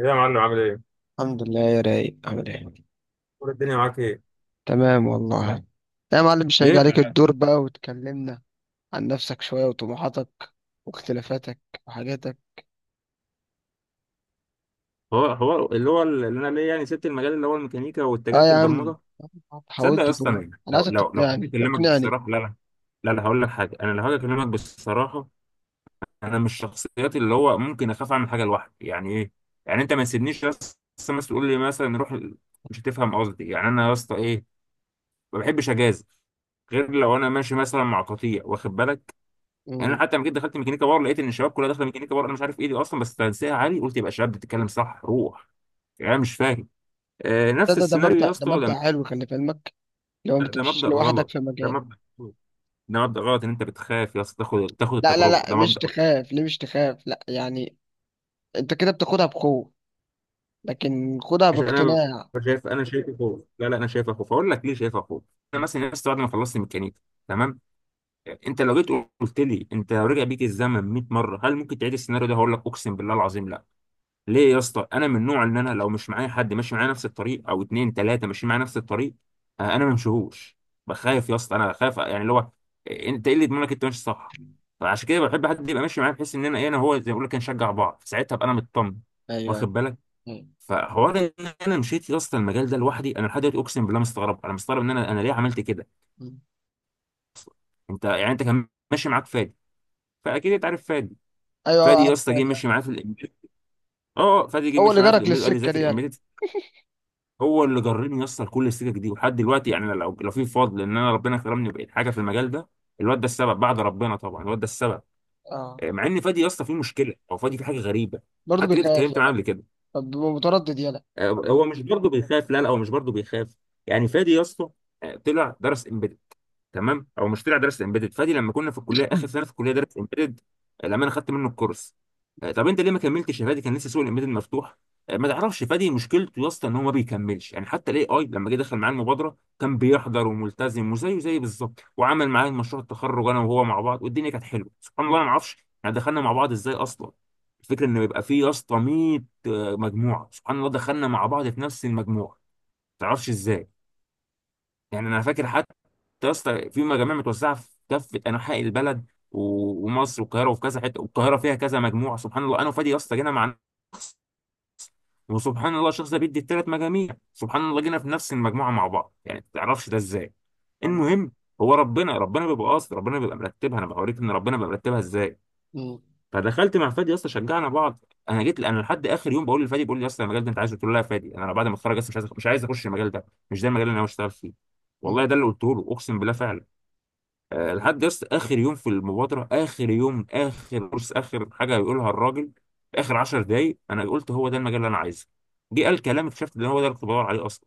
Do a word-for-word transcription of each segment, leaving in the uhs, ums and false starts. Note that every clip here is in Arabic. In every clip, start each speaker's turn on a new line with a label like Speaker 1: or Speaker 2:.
Speaker 1: ايه يا معلم عامل ايه؟
Speaker 2: الحمد لله يا رايق، عامل ايه؟
Speaker 1: اخبار الدنيا معاك ايه؟
Speaker 2: تمام والله. لا يا معلم، مش هيجي
Speaker 1: ايه
Speaker 2: عليك
Speaker 1: بقى؟
Speaker 2: الدور بقى وتكلمنا عن نفسك شوية، وطموحاتك، واختلافاتك، وحاجاتك.
Speaker 1: هو هو اللي هو اللي انا ليه يعني سبت المجال اللي هو الميكانيكا
Speaker 2: اه
Speaker 1: واتجهت
Speaker 2: يا عم،
Speaker 1: للبرمجه. تصدق يا
Speaker 2: حاولت
Speaker 1: اسطى
Speaker 2: تقول.
Speaker 1: انا
Speaker 2: انا
Speaker 1: لو
Speaker 2: عايزك
Speaker 1: لو لو حبيت
Speaker 2: تقنعني،
Speaker 1: اكلمك
Speaker 2: اقنعني.
Speaker 1: بصراحه، لا لا. لا لا هقول لك حاجه، انا لو هاجي اكلمك بصراحه، انا من الشخصيات اللي هو ممكن اخاف اعمل حاجه لوحدي، يعني ايه؟ يعني انت ما تسيبنيش يا اسطى، مثلا تقول لي مثلا روح ال- مش هتفهم قصدي، يعني انا يا اسطى ايه، ما بحبش اجازف غير لو انا ماشي مثلا مع قطيع، واخد بالك؟ يعني انا
Speaker 2: مم.
Speaker 1: حتى لما جيت دخلت ميكانيكا باور لقيت ان الشباب كلها داخله ميكانيكا باور، انا مش عارف ايه دي اصلا بس تنسيقها عالي، قلت يبقى الشباب بتتكلم صح، روح. يعني أنا مش فاهم. آه
Speaker 2: ده
Speaker 1: نفس
Speaker 2: ده ده
Speaker 1: السيناريو
Speaker 2: مبدأ،
Speaker 1: يا
Speaker 2: ده
Speaker 1: اسطى لما-
Speaker 2: مبدأ حلو، خلي في علمك، لو ما
Speaker 1: ده
Speaker 2: تمشيش
Speaker 1: مبدأ
Speaker 2: لوحدك
Speaker 1: غلط،
Speaker 2: في
Speaker 1: ده
Speaker 2: مجال.
Speaker 1: مبدأ غلط. ده مبدأ غلط ان انت بتخاف يا اسطى تاخد تاخد
Speaker 2: لا لا
Speaker 1: التجربه،
Speaker 2: لا
Speaker 1: ده
Speaker 2: مش
Speaker 1: مبدأ غلط.
Speaker 2: تخاف، ليه مش تخاف؟ لا يعني انت كده بتاخدها بخوف، لكن خدها
Speaker 1: عشان انا، ب-
Speaker 2: باقتناع.
Speaker 1: شايف، انا شايفه خوف، لا لا، انا شايفه خوف، اقول لك ليه شايفه خوف. انا مثلا يا اسطى بعد ما خلصت ميكانيكا، تمام، انت لو جيت قلت لي انت لو رجع بيك الزمن مئة مره هل ممكن تعيد السيناريو ده، هقول لك اقسم بالله العظيم لا. ليه يا اسطى؟ انا من النوع اللي انا لو مش معايا حد ماشي معايا نفس الطريق او اتنين تلاته ماشيين معايا نفس الطريق، آه، انا ما بمشيهوش. بخاف يا اسطى، انا خايف يعني اللي هو إيه، انت ايه اللي يضمنك انت ماشي صح؟ فعشان كده بحب حد يبقى ماشي معايا، بحيث ان انا ايه، انا هو زي ما بقول لك نشجع بعض، ساعتها ابقى انا مطمن،
Speaker 2: ايوه، ايوه.
Speaker 1: واخد بالك؟ فحوار ان انا مشيت يا اسطى المجال ده لوحدي، انا لحد دلوقتي اقسم بالله مستغرب، انا مستغرب ان انا انا ليه عملت كده
Speaker 2: مم.
Speaker 1: أصلاً. انت يعني انت كان ماشي معاك فادي، فاكيد انت عارف فادي.
Speaker 2: ايوه
Speaker 1: فادي يا
Speaker 2: عارف،
Speaker 1: اسطى جه
Speaker 2: عارف.
Speaker 1: مشي معايا في الامبيد، اه فادي جه
Speaker 2: هو
Speaker 1: مشي
Speaker 2: اللي
Speaker 1: معايا في
Speaker 2: جرك
Speaker 1: الامبيد قال لي
Speaker 2: للسكة دي،
Speaker 1: ذاكر
Speaker 2: يلا.
Speaker 1: امبيد. هو اللي جرني يسطر كل السكك دي، ولحد دلوقتي يعني أنا لو لو في فضل ان انا ربنا كرمني وبقيت حاجه في المجال ده، الواد ده السبب بعد ربنا طبعا، الواد ده السبب.
Speaker 2: اه،
Speaker 1: آه، مع ان فادي يا اسطى فيه مشكله، او فادي فيه حاجه غريبه،
Speaker 2: برضه
Speaker 1: حتى جيت
Speaker 2: بيخاف،
Speaker 1: اتكلمت معاه
Speaker 2: يلا.
Speaker 1: قبل كده.
Speaker 2: طب بيبقى متردد، يلا.
Speaker 1: آه، هو مش برضه بيخاف، لا لا هو مش برضه بيخاف. يعني فادي يا اسطى، آه، طلع درس، تمام، او مشتري على درس امبيدد. فادي لما كنا في الكليه اخر سنه في الكليه درس امبيدد، لما انا خدت منه الكورس، آه، طب انت ليه ما كملتش يا فادي؟ كان لسه سوق الامبيدد مفتوح. آه، ما تعرفش فادي مشكلته يا اسطى ان هو ما بيكملش، يعني حتى الاي اي لما جه دخل معاه المبادره كان بيحضر وملتزم وزيه زي بالظبط، وعمل معايا مشروع التخرج انا وهو مع بعض، والدنيا كانت حلوه سبحان الله.
Speaker 2: مم.
Speaker 1: أنا ما اعرفش احنا دخلنا مع بعض ازاي اصلا. الفكره ان يبقى فيه يا اسطى مئة، آه، مجموعه. سبحان الله دخلنا مع بعض في نفس المجموعه، ما تعرفش ازاي. يعني انا فاكر يا اسطى في مجاميع متوزعه في كافه انحاء البلد و- ومصر والقاهره، وفي كذا حته، والقاهره فيها كذا مجموعه، سبحان الله انا وفادي يا اسطى جينا مع شخص، وسبحان الله الشخص ده بيدي الثلاث مجاميع، سبحان الله جينا في نفس المجموعه مع بعض، يعني ما تعرفش ده ازاي.
Speaker 2: الله.
Speaker 1: المهم، هو ربنا ربنا بيبقى قاصد، ربنا بيبقى مرتبها، انا بوريك ان ربنا بيبقى مرتبها ازاي.
Speaker 2: مم.
Speaker 1: فدخلت مع فادي يا اسطى شجعنا بعض، انا جيت انا لحد اخر يوم بقول لفادي بيقول لي يا اسطى المجال ده انت عايزه؟ قلت له لا يا فادي انا بعد ما اتخرج اصلا مش عايز مش عايز اخش المجال ده، مش ده المجال اللي انا ناوي اشتغل فيه، والله
Speaker 2: مم.
Speaker 1: ده اللي قلته له اقسم بالله فعلا. آه، لحد يس اخر يوم في المبادره، اخر يوم اخر كورس اخر حاجه هيقولها الراجل، في اخر عشر دقايق انا قلت هو ده المجال اللي انا عايزه. جه قال كلام اكتشفت ان هو ده اللي كنت بدور عليه اصلا.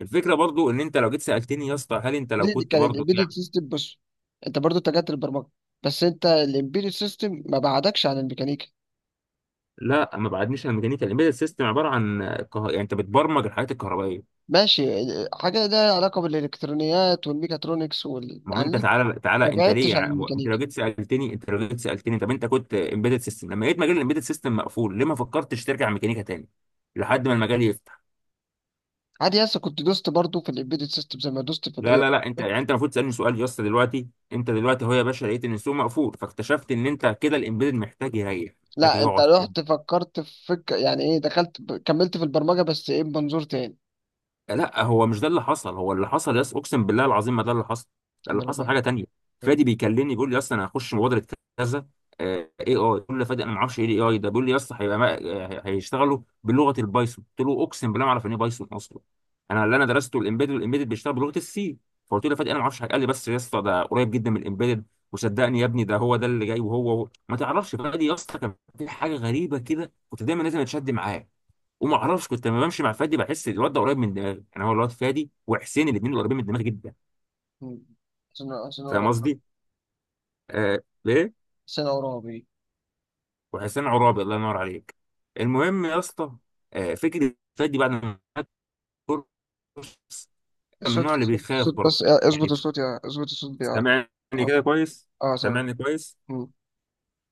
Speaker 1: الفكره برضو ان انت لو جيت سالتني يا اسطى هل انت لو
Speaker 2: دي دي
Speaker 1: كنت
Speaker 2: كان
Speaker 1: برضو
Speaker 2: الامبيدد
Speaker 1: يعني،
Speaker 2: سيستم. بص، انت برضو اتجهت للبرمجه، بس انت الامبيدد سيستم ما بعدكش عن الميكانيكا.
Speaker 1: لا ما بعدنيش عن الميكانيكا، الامبيدد سيستم عباره عن كه... يعني انت بتبرمج الحاجات الكهربائيه.
Speaker 2: ماشي، ال- حاجه ده علاقه بالالكترونيات والميكاترونكس وال...
Speaker 1: ما هو
Speaker 2: يعني
Speaker 1: انت
Speaker 2: ليك.
Speaker 1: تعالى
Speaker 2: ما
Speaker 1: تعالى انت ليه
Speaker 2: بعدتش عن
Speaker 1: يعني، هو انت
Speaker 2: الميكانيكا.
Speaker 1: لو جيت سالتني، انت لو جيت سالتني طب انت كنت امبيدد سيستم، لما لقيت مجال الامبيدد سيستم مقفول ليه ما فكرتش ترجع ميكانيكا تاني لحد ما المجال يفتح؟
Speaker 2: عادي يس، كنت دوست برضو في الامبيدد سيستم زي ما دوست في
Speaker 1: لا
Speaker 2: الاي.
Speaker 1: لا لا انت يعني انت المفروض تسالني سؤال يا اسطى دلوقتي، انت دلوقتي اهو يا باشا لقيت ان السوق مقفول، فاكتشفت ان انت كده الامبيدد محتاج يريح، محتاج
Speaker 2: لا، انت
Speaker 1: يقعد.
Speaker 2: رحت فكرت في فك... يعني ايه، دخلت ب... كملت في البرمجه، بس ايه، بمنظور تاني.
Speaker 1: لا هو مش ده اللي حصل، هو اللي حصل يس اقسم بالله العظيم ما ده اللي حصل، ده اللي
Speaker 2: اما انا
Speaker 1: حصل
Speaker 2: بقى
Speaker 1: حاجه تانية.
Speaker 2: ايه.
Speaker 1: فادي بيكلمني بيقول لي يا اسطى انا هخش مبادره كذا اي اي، بقول له فادي انا ما اعرفش ايه اي اي ده، بيقول لي يا اسطى هيبقى ما- آه، هيشتغلوا بلغه البايثون، قلت له اقسم بالله ما اعرف يعني ايه بايثون اصلا، انا اللي انا درسته الامبيدد، والامبيدد بيشتغل بلغه السي. فقلت له يا فادي انا ما اعرفش، قال لي بس يا اسطى ده قريب جدا من الامبيدد، وصدقني يا ابني ده هو ده اللي جاي. وهو هو ما تعرفش فادي يا اسطى كان في حاجه غريبه كده، كنت دايما لازم اتشد معاه، وما اعرفش كنت لما بمشي مع فادي بحس الواد ده قريب من دماغي، يعني هو الواد فادي وحسين الاثنين قريبين من دماغي جدا.
Speaker 2: مم. عشان عشان اقرا.
Speaker 1: فاهم قصدي؟ آه ليه؟
Speaker 2: عشان اقرا.
Speaker 1: وحسين عرابي الله ينور عليك. المهم يا اسطى، آه فكره فادي بعد ما خد كورس، من
Speaker 2: صوت
Speaker 1: النوع اللي
Speaker 2: صوت
Speaker 1: بيخاف
Speaker 2: صوت،
Speaker 1: برضه،
Speaker 2: بس
Speaker 1: يعني،
Speaker 2: اظبط الصوت يا، اظبط الصوت يا.
Speaker 1: سامعني
Speaker 2: اه.
Speaker 1: كده كويس؟
Speaker 2: آه، سامع.
Speaker 1: سامعني كويس؟
Speaker 2: مم.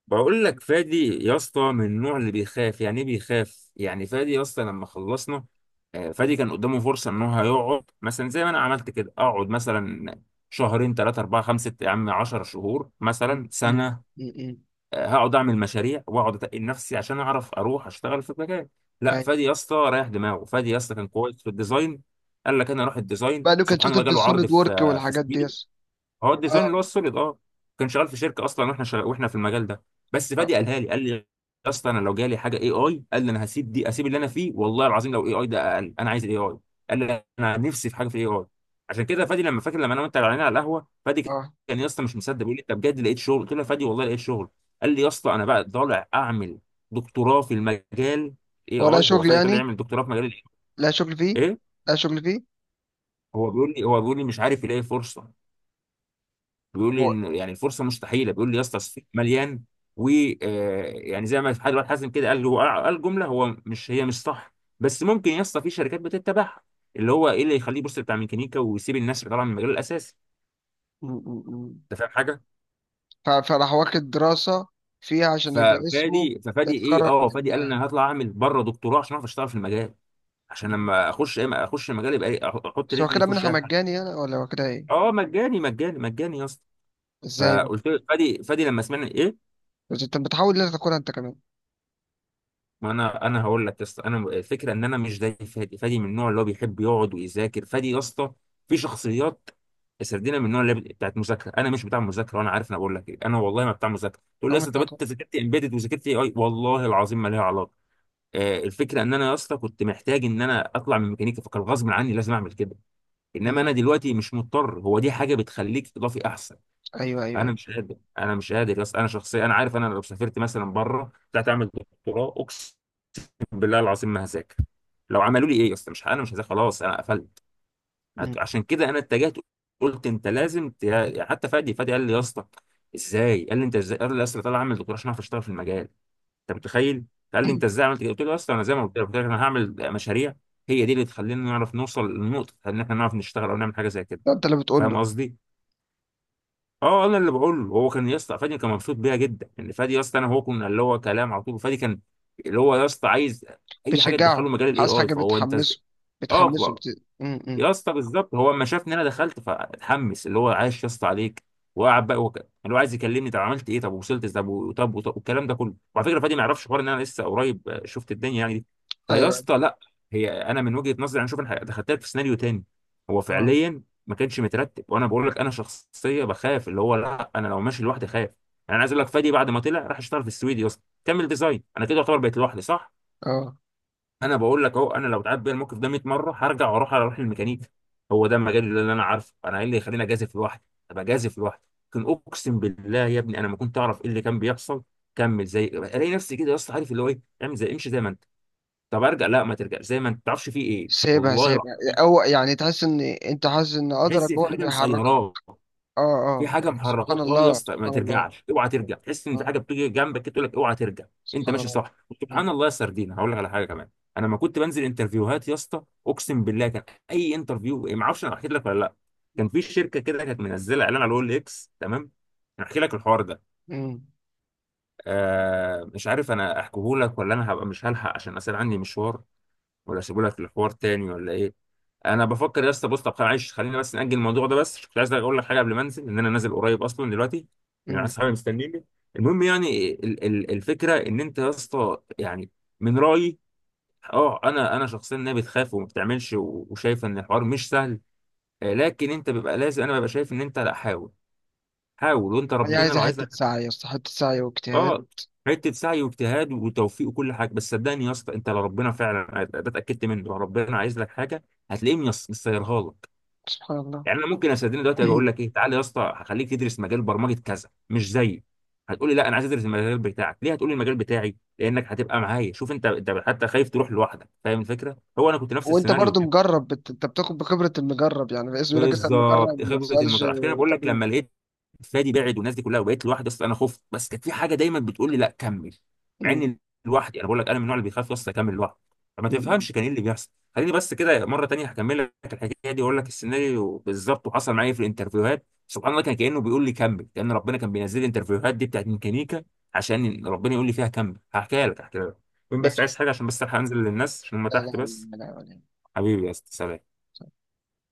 Speaker 1: بقول لك فادي يا اسطى من النوع اللي بيخاف، يعني ايه بيخاف؟ يعني فادي يا اسطى لما خلصنا، آه، فادي
Speaker 2: مم.
Speaker 1: كان قدامه فرصه ان هو هيقعد مثلا زي ما انا عملت كده، اقعد مثلا شهرين ثلاثه اربعه خمسه يا عم عشر شهور
Speaker 2: مم.
Speaker 1: مثلا
Speaker 2: مم.
Speaker 1: سنه،
Speaker 2: مم.
Speaker 1: آه، هقعد اعمل مشاريع واقعد اتقل نفسي عشان اعرف اروح اشتغل في مكان. لا
Speaker 2: اي.
Speaker 1: فادي يا اسطى رايح دماغه، فادي يا اسطى كان كويس في الديزاين، قال لك انا اروح الديزاين،
Speaker 2: بعده كان
Speaker 1: سبحان
Speaker 2: شاطر
Speaker 1: الله
Speaker 2: في
Speaker 1: جاله عرض
Speaker 2: السوليد
Speaker 1: في،
Speaker 2: وورك
Speaker 1: آه، في،
Speaker 2: والحاجات دي، يس.
Speaker 1: هو الديزاين
Speaker 2: اه.
Speaker 1: اللي هو السوليد، اه، كان شغال في شركه اصلا، واحنا شغال واحنا في المجال ده. بس
Speaker 2: اه.
Speaker 1: فادي قالها لي، قال لي يا اسطى انا لو جالي حاجه اي اي، قال لي انا هسيب دي، اسيب اللي انا فيه والله العظيم، لو اي اي ده اقل انا عايز الاي اي، قال لي انا نفسي في حاجه في الاي اي. عشان كده فادي لما فاكر لما انا وانت قاعدين على القهوه، فادي
Speaker 2: اه.
Speaker 1: كان يا اسطى مش مصدق، بيقول لي انت بجد لقيت شغل؟ قلت له يا فادي والله لقيت شغل. قال لي يا اسطى انا بقى طالع اعمل دكتوراه في المجال، اي
Speaker 2: هو لا
Speaker 1: اي. هو
Speaker 2: شغل
Speaker 1: فادي طالع
Speaker 2: يعني،
Speaker 1: يعمل دكتوراه في مجال ال
Speaker 2: لا شغل فيه،
Speaker 1: إيه آي. ايه،
Speaker 2: لا شغل فيه
Speaker 1: هو بيقول لي، هو بيقول لي مش عارف يلاقي فرصه، بيقول لي
Speaker 2: هو.
Speaker 1: إن يعني الفرصه مستحيله، بيقول لي يا اسطى السوق مليان و آه، يعني زي ما حد واحد حازم كده قال، هو قال جمله هو مش هي مش صح، بس ممكن يا اسطى في شركات بتتبعها اللي هو ايه اللي يخليه يبص بتاع ميكانيكا ويسيب الناس اللي طالعه من المجال الاساسي.
Speaker 2: مم. مم. مم.
Speaker 1: انت فاهم حاجه؟
Speaker 2: ف- فراح واخد دراسة فيها عشان يبقى اسمه
Speaker 1: ففادي ففادي ايه،
Speaker 2: متخرج
Speaker 1: اه فادي قال
Speaker 2: منها.
Speaker 1: انا هطلع اعمل بره دكتوراه عشان اعرف اشتغل في المجال، عشان
Speaker 2: مم.
Speaker 1: لما اخش ايه اخش المجال يبقى ايه، أح- احط
Speaker 2: بس هو
Speaker 1: رجلي
Speaker 2: كده
Speaker 1: في وش
Speaker 2: منحة
Speaker 1: اي حاجه.
Speaker 2: مجاني يعني، ولا هو كده ايه؟
Speaker 1: اه مجاني مجاني مجاني يا اسطى.
Speaker 2: ازاي بقى؟
Speaker 1: فقلت له فادي، فادي لما سمعني ايه،
Speaker 2: بس انت بتحاول ليه تاكلها انت كمان؟
Speaker 1: ما انا انا هقول لك يا اسطى، انا الفكره ان انا مش زي فادي، فادي من النوع اللي هو بيحب يقعد ويذاكر. فادي يا اسطى في شخصيات سردينا من النوع اللي بت- بتاعت مذاكره، انا مش بتاع مذاكره وانا عارف، انا بقول لك ايه، انا والله ما بتاع مذاكره. تقول لي يا
Speaker 2: هم
Speaker 1: اسطى
Speaker 2: انت
Speaker 1: طب انت
Speaker 2: هتاكل.
Speaker 1: ذاكرت امبيدد وذاكرت اي اي؟ والله العظيم ما ليها علاقه. آه الفكره ان انا يا اسطى كنت محتاج ان انا اطلع من ميكانيكا، فكان غصب عني لازم اعمل كده، انما انا
Speaker 2: مم.
Speaker 1: دلوقتي مش مضطر، هو دي حاجه بتخليك اضافي احسن.
Speaker 2: ايوه، ايوه،
Speaker 1: انا
Speaker 2: ايوه.
Speaker 1: مش قادر انا مش قادر يا اسطى، انا شخصيا انا عارف انا لو سافرت مثلا بره طلعت اعمل دكتوراه اقسم بالله العظيم ما هذاكر، لو عملوا لي ايه يا اسطى، مش انا مش هذاكر خلاص، انا قفلت. عت-
Speaker 2: مم.
Speaker 1: عشان كده انا اتجهت، قلت انت لازم ت- حتى فادي، فادي قال لي يا اسطى ازاي؟ قال لي انت ازاي؟ قال لي يا اسطى طالع اعمل دكتوراه عشان اعرف اشتغل في المجال، انت متخيل؟ قال لي انت ازاي عملت كده؟ قلت له يا اسطى انا زي ما قلت لك، قلت لك انا هعمل مشاريع، هي دي اللي تخلينا نعرف نوصل للنقطه ان احنا نعرف نشتغل او نعمل حاجه زي كده،
Speaker 2: ده انت اللي بتقول
Speaker 1: فاهم
Speaker 2: له.
Speaker 1: قصدي؟ اه انا اللي بقول له. هو كان يا اسطى فادي كان مبسوط بيها جدا، ان فادي يا اسطى انا هو كنا اللي هو كلام على طول، فادي كان اللي هو يا اسطى عايز اي حاجه
Speaker 2: بتشجعه،
Speaker 1: تدخله مجال الاي
Speaker 2: عايز
Speaker 1: اي،
Speaker 2: حاجة
Speaker 1: فهو انت،
Speaker 2: بتحمسه،
Speaker 1: اه،
Speaker 2: بتحمسه،
Speaker 1: ف-
Speaker 2: بت... م -م.
Speaker 1: يا اسطى بالظبط هو اما شافني انا دخلت فاتحمس، اللي هو عايش يا اسطى عليك، وقعد بقى وك... اللي هو عايز يكلمني. طب عملت ايه؟ طب وصلت ازاي؟ طب طب طب وط- والكلام ده كله. وعلى فكره فادي ما يعرفش حوار ان انا لسه قريب، آه، شفت الدنيا يعني دي. فيا
Speaker 2: ايوه.
Speaker 1: اسطى لا، هي انا من وجهه نظري انا شوف انا دخلت لك في سيناريو تاني. هو
Speaker 2: اه.
Speaker 1: فعليا ما كانش مترتب، وانا بقول لك انا شخصيه بخاف، اللي هو لا انا لو ماشي لوحدي خايف يعني. انا عايز اقول لك فادي بعد ما طلع راح اشتغل في السويد، يا اسطى كمل ديزاين، انا كده يعتبر بقيت لوحدي صح.
Speaker 2: اه.
Speaker 1: انا بقول لك اهو، انا لو اتعاد بيا الموقف ده مية مره هرجع واروح، اروح للميكانيكي، هو ده المجال اللي انا عارفه. انا ايه اللي يخليني اجازف لوحدي؟ ابقى جازف لوحدي. لكن اقسم بالله يا ابني انا ما كنت اعرف ايه اللي كان بيحصل. كمل، زي الاقي نفسي كده، يا اسطى عارف اللي هو ايه، اعمل زي امشي زي ما انت. طب ارجع، لا ما ترجع زي ما انت، ما تعرفش فيه ايه،
Speaker 2: سيبها،
Speaker 1: والله
Speaker 2: سيبها.
Speaker 1: العظيم.
Speaker 2: او يعني تحس ان انت حاسس ان قدرك
Speaker 1: تحس
Speaker 2: هو
Speaker 1: في
Speaker 2: اللي
Speaker 1: حاجه
Speaker 2: بيحركك.
Speaker 1: مسيراك،
Speaker 2: اه،
Speaker 1: في
Speaker 2: اه.
Speaker 1: حاجه
Speaker 2: سبحان
Speaker 1: محركاك. اه يا
Speaker 2: الله،
Speaker 1: اسطى ما
Speaker 2: سبحان الله.
Speaker 1: ترجعش، اوعى ترجع، تحس ان في
Speaker 2: اه.
Speaker 1: حاجه بتيجي جنبك كده تقول لك اوعى ترجع. انت
Speaker 2: سبحان
Speaker 1: ماشي
Speaker 2: الله.
Speaker 1: صح.
Speaker 2: م-.
Speaker 1: سبحان الله يا سردينه، هقول لك على حاجه كمان. انا لما كنت بنزل انترفيوهات يا اسطى اقسم بالله كان اي انترفيو، ما اعرفش انا حكيت لك ولا لا، كان في شركه كده كانت منزله اعلان على الاول اكس، تمام؟ انا احكي لك الحوار ده،
Speaker 2: م-.
Speaker 1: آه، مش عارف انا احكيه لك ولا انا هبقى مش هلحق عشان اصل عندي مشوار، ولا اسيبهولك للحوار تاني ولا ايه؟ انا بفكر يا اسطى، بص طب معلش خلينا بس نأجل الموضوع ده، بس كنت عايز اقول لك حاجه قبل ما انزل، ان انا نازل قريب اصلا دلوقتي، يعني عايز
Speaker 2: م.
Speaker 1: صحابي مستنيني. المهم، يعني ال ال الفكره ان انت يا اسطى، يعني من رايي، اه انا انا شخصيا، إن هي بتخاف وما بتعملش، و- وشايف ان الحوار مش سهل، آه، لكن انت بيبقى لازم، انا ببقى شايف ان انت لا حاول، حاول وانت
Speaker 2: هي
Speaker 1: ربنا
Speaker 2: عايزة
Speaker 1: لو عايز.
Speaker 2: حتة سعي يا اسطى، حتة سعي واجتهاد.
Speaker 1: اه حته سعي واجتهاد وتوفيق وكل حاجه، بس صدقني يا اسطى انت لو ربنا فعلا، ده اتاكدت منه، لو ربنا عايز لك حاجه هتلاقيه، ميس- مسيرها لك.
Speaker 2: سبحان الله.
Speaker 1: يعني انا ممكن استدين دلوقتي أجي اقول لك ايه، تعالى يا اسطى هخليك تدرس مجال برمجه كذا مش زيي، هتقول لي لا انا عايز ادرس المجال بتاعك، ليه؟ هتقول لي المجال بتاعي لانك هتبقى معايا. شوف انت، انت حتى خايف تروح لوحدك، فاهم الفكره؟ هو انا كنت نفس
Speaker 2: وانت
Speaker 1: السيناريو
Speaker 2: برضو مجرب، بت... انت بتاخد بخبرة المجرب، يعني باسم يقول لك اسأل مجرب
Speaker 1: بالظبط،
Speaker 2: ما
Speaker 1: خبره
Speaker 2: تسألش.
Speaker 1: المطار، عشان كده انا بقول لك
Speaker 2: طبيب.
Speaker 1: لما لقيت فادي بعد، والناس دي كلها، وبقيت لوحدي اصلا انا خفت، بس كانت في حاجه دايما بتقول لي لا كمل. مع
Speaker 2: م-.
Speaker 1: اني لوحدي، انا بقول لك انا من النوع اللي بيخاف اصلا اكمل لوحدي، فما
Speaker 2: م-. م.
Speaker 1: تفهمش كان ايه اللي بيحصل. خليني بس كده مره تانية هكمل لك الحكايه دي، واقول لك السيناريو بالظبط، وحصل معايا في الانترفيوهات سبحان الله، كان كانه بيقول لي كمل، كان ربنا كان بينزل لي الانترفيوهات دي بتاعت ميكانيكا عشان ربنا يقول لي فيها كمل. هحكيها لك، هحكيها لك. المهم بس
Speaker 2: ماشي.
Speaker 1: عايز حاجه، عشان بس الحق انزل للناس عشان هم
Speaker 2: لا
Speaker 1: تحت بس.
Speaker 2: لا لا لا
Speaker 1: حبيبي يا أستاذ، سلام.
Speaker 2: لا